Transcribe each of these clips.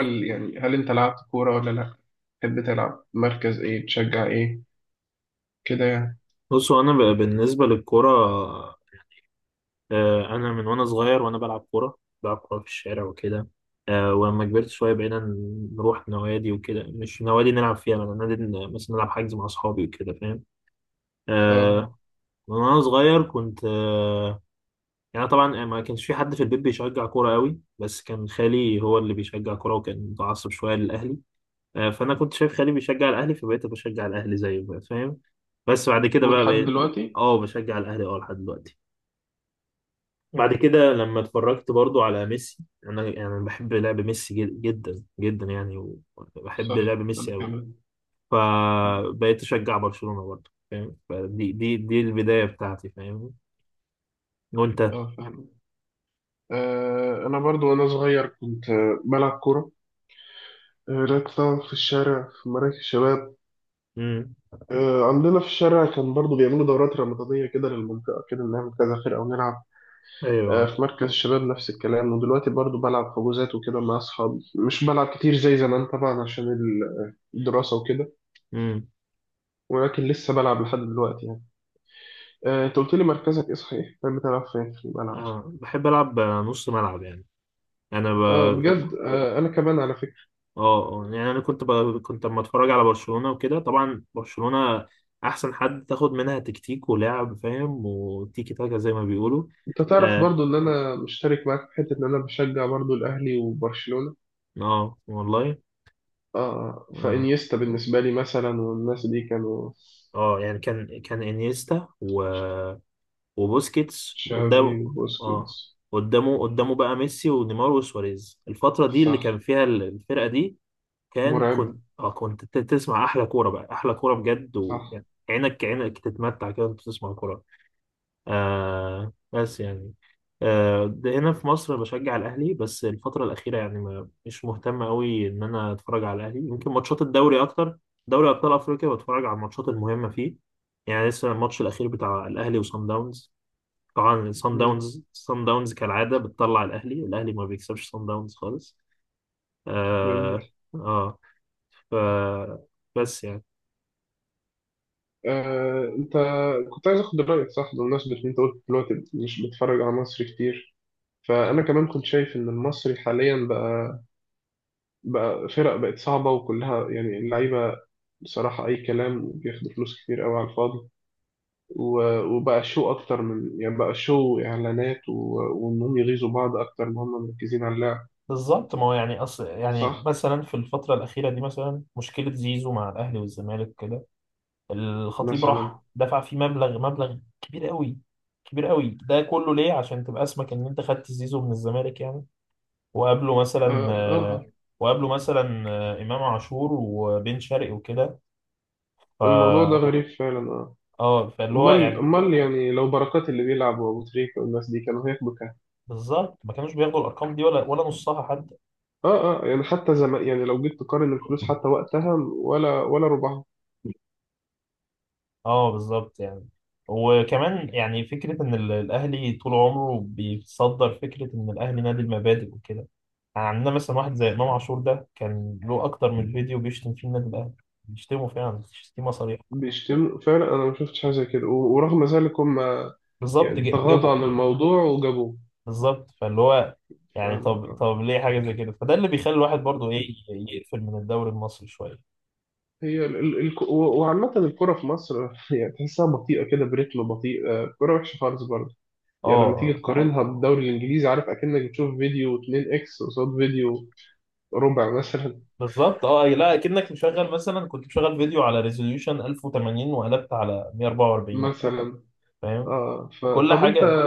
هل انت لعبت كورة ولا لا؟ تحب تلعب مركز ايه؟ تشجع ايه؟ كده يعني. بصوا انا بالنسبه للكوره، انا من وانا صغير وانا بلعب كوره. بلعب كوره في الشارع وكده. ولما كبرت شويه بقينا نروح نوادي وكده، مش نوادي نلعب فيها بقى، نادي مثلا نلعب حجز مع اصحابي وكده، فاهم. اه، آه، من وانا صغير كنت يعني طبعا ما كانش في حد في البيت بيشجع كوره قوي، بس كان خالي هو اللي بيشجع كوره وكان متعصب شويه للاهلي. فانا كنت شايف خالي بيشجع الاهلي فبقيت بشجع الاهلي زيه بقى، فاهم. بس بعد كده بقى ولحد بقيت دلوقتي. اه بشجع الاهلي، اه لحد دلوقتي. بعد حلو. كده لما اتفرجت برضو على ميسي، انا يعني بحب لعب ميسي جدا جدا يعني. وبحب لعب صح، ميسي انا قوي. كمان. فبقيت اشجع برشلونة برضو، فاهم. فدي دي دي البداية بتاعتي، فاهم. وانت؟ اه، فاهم. آه، انا برضو وانا صغير كنت بلعب كورة. آه، لعبت طبعا في الشارع، في مراكز الشباب. امم. آه، عندنا في الشارع كان برضو بيعملوا دورات رمضانية كده للمنطقة، كده نعمل كذا فرقة ونلعب. آه، ايوه. في مركز الشباب نفس الكلام. ودلوقتي برضو بلعب حجوزات وكده مع أصحابي. مش بلعب كتير زي زمان طبعا عشان الدراسة وكده. امم. ولكن لسه بلعب لحد دلوقتي يعني. آه، انت قلت لي مركزك ايه، صحيح؟ كان بتلعب فين في الملعب؟ آه بحب العب نص ملعب يعني. انا اه بجد، آه، انا كمان على فكره. اه يعني انا كنت كنت لما اتفرج على برشلونة وكده، طبعا برشلونة احسن حد تاخد منها تكتيك ولعب، فاهم، وتيكي تاكا زي ما بيقولوا. انت تعرف اه. برضو ان انا مشترك معاك في حته، ان انا بشجع برضو الاهلي وبرشلونه. والله. اه، اه. فانيستا بالنسبه لي مثلا والناس دي كانوا. اه يعني كان انيستا وبوسكيتس تشافي قدامه. اه، وبوسكيتس. قدامه بقى ميسي ونيمار وسواريز، الفترة دي اللي صح. كان فيها الفرقة دي. كان مرعبه. كنت اه كنت تسمع احلى كورة بقى، احلى كورة بجد، صح. وعينك تتمتع كده وانت تسمع كورة. آه بس يعني. آه ده هنا في مصر بشجع الأهلي، بس الفترة الأخيرة يعني ما مش مهتم أوي إن أنا أتفرج على الأهلي، يمكن ماتشات الدوري أكتر. دوري أبطال أفريقيا بتفرج على الماتشات المهمة فيه. يعني لسه الماتش الأخير بتاع الأهلي وصن داونز، طبعا صن مم. داونز صن داونز كالعادة بتطلع الأهلي ما بيكسبش صن داونز خالص. آه. جميل. آه. ف، بس يعني، آه، انت. كنت عايز اخد رايك، صح، بمناسبه ان انت قلت دلوقتي مش بتتفرج على مصر كتير. فانا كمان كنت شايف ان المصري حاليا بقى، فرق بقت صعبة، وكلها يعني اللعيبة بصراحة أي كلام بياخدوا فلوس كتير قوي على الفاضي. وبقى شو أكتر من يعني، بقى شو إعلانات وإنهم يغيظوا بعض أكتر ما هم مركزين على اللعب. بالظبط. ما هو يعني أصل يعني صح، مثلا في الفترة الأخيرة دي، مثلا مشكلة زيزو مع الأهلي والزمالك كده، الخطيب مثلا. راح دفع فيه مبلغ كبير قوي، كبير قوي. ده كله ليه؟ عشان تبقى اسمك ان انت خدت زيزو من الزمالك يعني، وقابله آه مثلا آه آه. وقابله مثلا امام عاشور وبن شرقي وكده. الموضوع ده ف، غريب فعلا، آه. اه فاللي هو أمال يعني، أمال يعني لو بركات اللي بيلعب وأبو تريكة والناس دي كانوا هياخدوا كام؟ بالظبط ما كانوش بياخدوا الارقام دي، ولا ولا نصها حد. آه آه، يعني حتى زمان، يعني لو جيت تقارن الفلوس حتى وقتها، ولا ولا ربعها. اه بالظبط يعني. وكمان يعني فكرة إن الأهلي طول عمره بيصدر فكرة إن الأهلي نادي المبادئ وكده. يعني عندنا مثلا واحد زي إمام عاشور، ده كان له أكتر من فيديو بيشتم فيه النادي الأهلي، بيشتمه فعلا شتيمة صريحة. بيشتموا فعلا، انا ما شفتش حاجه زي كده، ورغم ذلك هم بالظبط يعني تغاضوا جابه. عن الموضوع وجابوه. بالظبط فاللي هو يعني، فاهمك، طب آه. طب ليه حاجة زي كده؟ فده اللي بيخلي الواحد برضه إيه، يقفل من الدوري المصري شوية. هي ال ال ال وعامة الكرة في مصر يعني تحسها بطيئة كده، بريتم بطيء. آه، الكرة وحشة خالص برضه يعني لما تيجي اه تقارنها بالدوري الإنجليزي. عارف أكنك بتشوف فيديو 2 إكس قصاد فيديو ربع مثلا. بالظبط. اه لا كأنك مشغل مثلا، كنت مشغل فيديو على ريزوليوشن 1080 وقلبت على 144، مثلا. فاهم، اه، كل فطب أنت حاجة.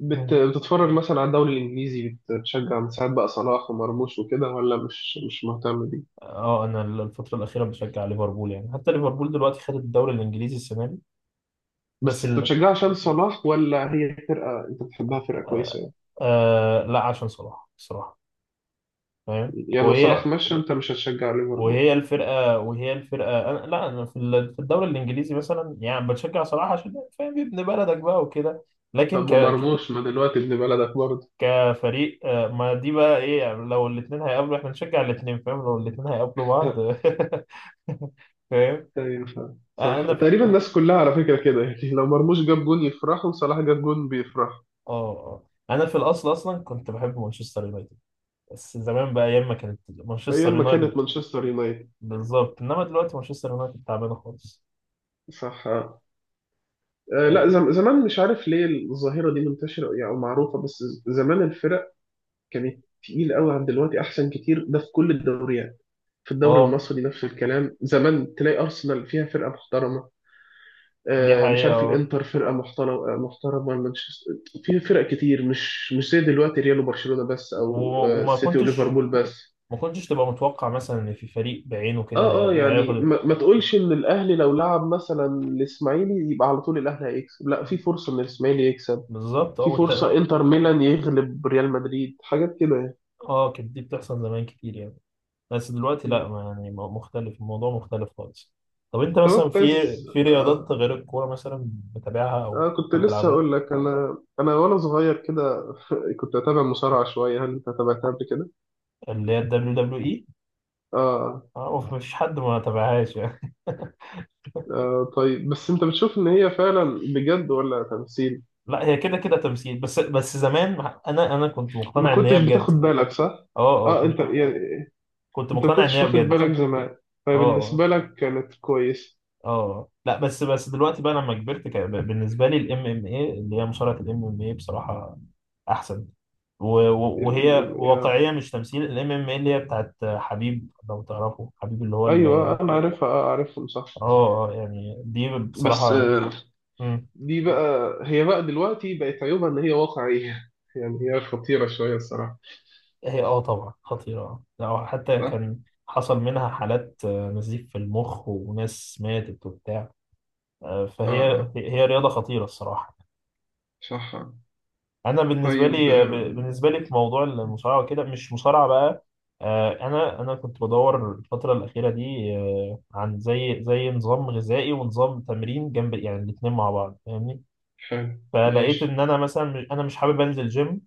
بتتفرج مثلا على الدوري الإنجليزي؟ بتشجع من ساعات بقى صلاح ومرموش وكده، ولا مش مهتم؟ اه انا الفترة الأخيرة بشجع ليفربول، يعني حتى ليفربول دلوقتي خدت الدوري الإنجليزي السنة دي. بس بس انت ال... بتشجع عشان صلاح، ولا هي فرقة انت بتحبها، فرقة كويسة آه... يعني؟ لا عشان صلاح الصراحة، فاهم. يعني لو صلاح وهي، مشى، انت مش هتشجع ليفربول؟ وهي الفرقة أنا... لا أنا في في الدوري الإنجليزي مثلا يعني بشجع صلاح عشان فاهم ابن بلدك بقى وكده. لكن طب ك... ومرموش ما دلوقتي ابن بلدك برضه. كفريق ما دي بقى ايه يعني، لو الاثنين هيقابلوا احنا نشجع الاثنين، فاهم، لو الاثنين هيقابلوا بعض فاهم. ايوه، فاهم. صح، انا تقريبا الناس كلها على فكرة كده، يعني لو مرموش جاب جون يفرحوا، وصلاح جاب جون بيفرحوا. اه، اه انا في الاصل اصلا كنت بحب مانشستر يونايتد، بس زمان بقى، ايام ما كانت مانشستر ايام ما كانت يونايتد. مانشستر يونايتد. بالظبط، انما دلوقتي مانشستر يونايتد تعبانه خالص. صح. آه، آه، لا اه زم زمان، مش عارف ليه الظاهرة دي منتشرة يعني او معروفة، بس زمان الفرق كانت تقيل قوي عن دلوقتي، احسن كتير، ده في كل الدوريات. في الدوري آه، المصري نفس الكلام، زمان تلاقي أرسنال فيها فرقة محترمة، دي آه، مش حقيقه عارف اه. الانتر فرقة محترمة، آه، محترمة مانشستر. في فرق كتير، مش زي دلوقتي ريال وبرشلونة بس، أو آه، وما السيتي كنتش وليفربول بس. ما كنتش تبقى متوقع مثلا ان في فريق بعينه كده اه اه، يعني هياخد. ما تقولش ان الاهلي لو لعب مثلا الاسماعيلي يبقى على طول الاهلي هيكسب، لا، في فرصة ان الاسماعيلي يكسب. بالظبط اه في فرصة انتر ميلان يغلب ريال مدريد، حاجات كده يعني. اه كانت دي بتحصل زمان كتير يعني، بس دلوقتي لا مم. ما يعني مختلف، الموضوع مختلف خالص. طب انت طب مثلا كنت في، عايز. أس- في رياضات غير الكوره مثلا بتتابعها او آه، كنت لسه بتلعبها؟ هقول لك، انا وانا صغير كده كنت اتابع مصارعه شويه، هل انت تابعتها قبل كده؟ اللي هي الدبليو دبليو. آه. اه مفيش حد ما تابعهاش يعني اه طيب، بس انت بتشوف ان هي فعلا بجد ولا تمثيل؟ لا هي كده كده تمثيل، بس بس زمان انا انا كنت ما مقتنع ان هي كنتش بجد. بتاخد بالك، صح؟ اه. اه اه، انت كنت، يعني، كنت انت ما مقتنع ان كنتش هي واخد بجد. بالك زمان. اه. فبالنسبه لك كانت كويس. اه لا بس بس دلوقتي بقى لما كبرت كان بالنسبه لي الام ام اي اللي هي مصارعه، الام ام اي بصراحه احسن، ال... ال... وهي آه. واقعيه مش تمثيل، الام ام اي اللي هي بتاعت حبيب، لو تعرفه حبيب اللي هو ايوه انا عارفها، اه، عارفهم، صح. اه يعني دي بس بصراحه آه، دي بقى، هي بقى دلوقتي بقت عيوبها ان هي واقعيه يعني هي خطيره شويه الصراحه. هي اه طبعا خطيرة. لو حتى صح. كان حصل منها حالات نزيف في المخ وناس ماتت وبتاع. اه فهي آه. هي رياضة خطيرة الصراحة. صح. أنا بالنسبة طيب، لي آم، بالنسبة لي في موضوع المصارعة وكده مش مصارعة بقى. أنا كنت بدور الفترة الأخيرة دي عن زي نظام غذائي ونظام تمرين جنب، يعني الاتنين مع بعض فاهمني. حلو فلقيت ماشي. إن أنا مثلا أنا مش حابب أنزل جيم،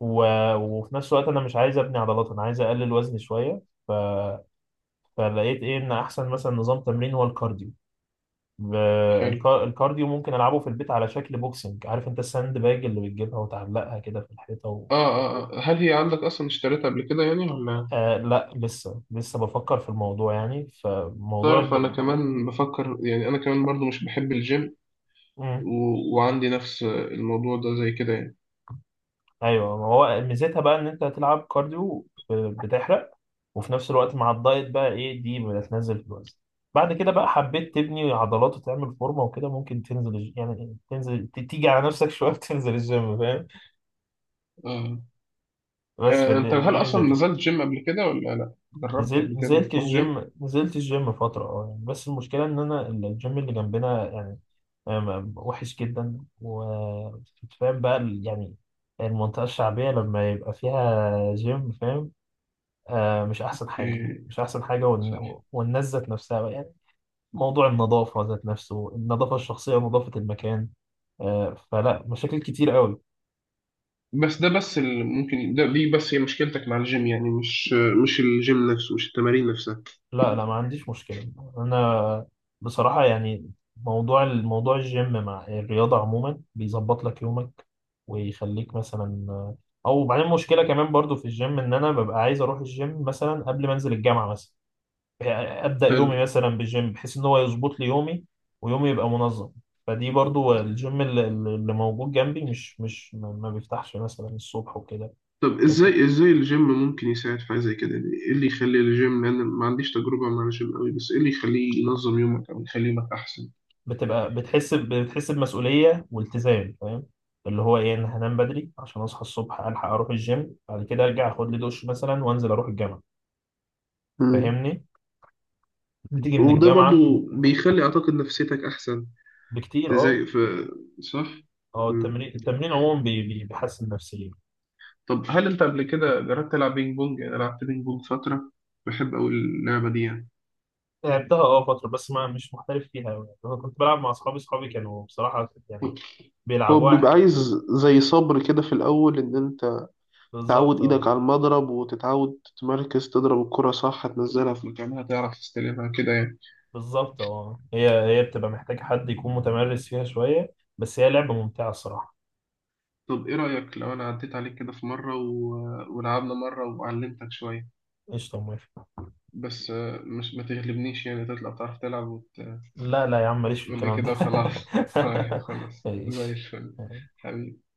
وفي نفس الوقت أنا مش عايز أبني عضلات، أنا عايز أقلل وزني شوية. ف، فلقيت ايه ان احسن مثلا نظام تمرين هو الكارديو. ب- حلو. الكارديو ممكن العبه في البيت على شكل بوكسنج، عارف انت الساند باج اللي بتجيبها وتعلقها كده في الحيطه آه، آه، آه، هل هي عندك أصلا اشتريتها قبل كده يعني ولا؟ آه لا لسه لسه بفكر في الموضوع يعني، فموضوع تعرف، أنا الب... كمان بفكر يعني، أنا كمان برضو مش بحب الجيم. و... مم. وعندي نفس الموضوع ده زي كده يعني. ايوه ما هو ميزتها بقى ان انت هتلعب كارديو، بتحرق، وفي نفس الوقت مع الدايت بقى ايه دي بتنزل في الوزن. بعد كده بقى حبيت تبني عضلات وتعمل فورمه وكده، ممكن تنزل يعني تنزل تيجي على نفسك شويه تنزل الجيم، فاهم. آه. بس آه، أنت فدي هل دي أصلا ميزتها. نزلت جيم قبل كده، ولا لأ، جربت نزلت، قبل كده نزلت إنك تروح جيم؟ الجيم نزلت الجيم فترة اه يعني، بس المشكلة إن أنا الجيم اللي جنبنا يعني وحش جدا، وفاهم بقى يعني المنطقة الشعبية لما يبقى فيها جيم فاهم. آه مش أحسن حاجة، أوكي. مش أحسن حاجة، صح. والناس ذات نفسها بقى يعني، موضوع النظافة ذات نفسه، النظافة الشخصية ونظافة المكان. آه فلا، مشاكل كتير قوي. بس ده، بس اللي ممكن، ده دي بس هي مشكلتك مع الجيم يعني، مش الجيم نفسه، مش التمارين نفسها. لا لا ما عنديش مشكلة، أنا بصراحة يعني، موضوع الجيم مع الرياضة عموما بيظبط لك يومك ويخليك مثلا، أو بعدين مشكلة كمان برضو في الجيم إن أنا ببقى عايز أروح الجيم مثلا قبل ما أنزل الجامعة، مثلا أبدأ يومي مثلا بالجيم بحيث إن هو يظبط لي يومي ويومي يبقى منظم. فدي برضو الجيم اللي، اللي موجود جنبي مش مش ما بيفتحش مثلا الصبح وكده. طب ازاي الجيم ممكن يساعد في حاجه زي كده يعني؟ ايه اللي يخلي الجيم، لان أنا ما عنديش تجربه مع الجيم قوي، بس ايه اللي يخليه ينظم يومك او يخلي يومك احسن؟ بتبقى بتحس بتحس بمسؤولية والتزام، فاهم، اللي هو ايه، انا هنام بدري عشان اصحى الصبح الحق اروح الجيم، بعد كده ارجع اخد لي دش مثلا وانزل اروح الجامعة، مم. فاهمني، بتيجي من وده برضو الجامعة بيخلي اعتقد نفسيتك احسن. بكتير. اه ازاي؟ في؟ صح. اه مم. التمرين عموما بيحسن نفسيا. طب هل انت قبل كده جربت تلعب بينج بونج؟ انا لعبت بينج بونج فتره، بحب قوي اللعبه دي يعني. لعبتها اه فترة، بس ما مش محترف فيها أوي. انا كنت بلعب مع اصحابي كانوا بصراحة يعني هو بيلعبوا بيبقى واحد. عايز زي صبر كده في الأول، إن أنت تعود بالظبط إيدك اه. على المضرب، وتتعود تتمركز، تضرب الكرة صح، تنزلها في مكانها، تعرف تستلمها كده يعني. بالظبط اه، هي، هي بتبقى محتاجة حد يكون متمرس فيها شوية، بس هي لعبة ممتعة الصراحة. طب ايه رأيك لو انا عديت عليك كده في مرة، و... ولعبنا مرة وعلمتك شوية. قشطة موافق. بس آه، مش ما تغلبنيش يعني، تطلع بتعرف تلعب وت... لا لا يا عم، ماليش في قول لي الكلام كده ده وخلاص. طيب خلاص، زي ماليش. الفل، حبيبي.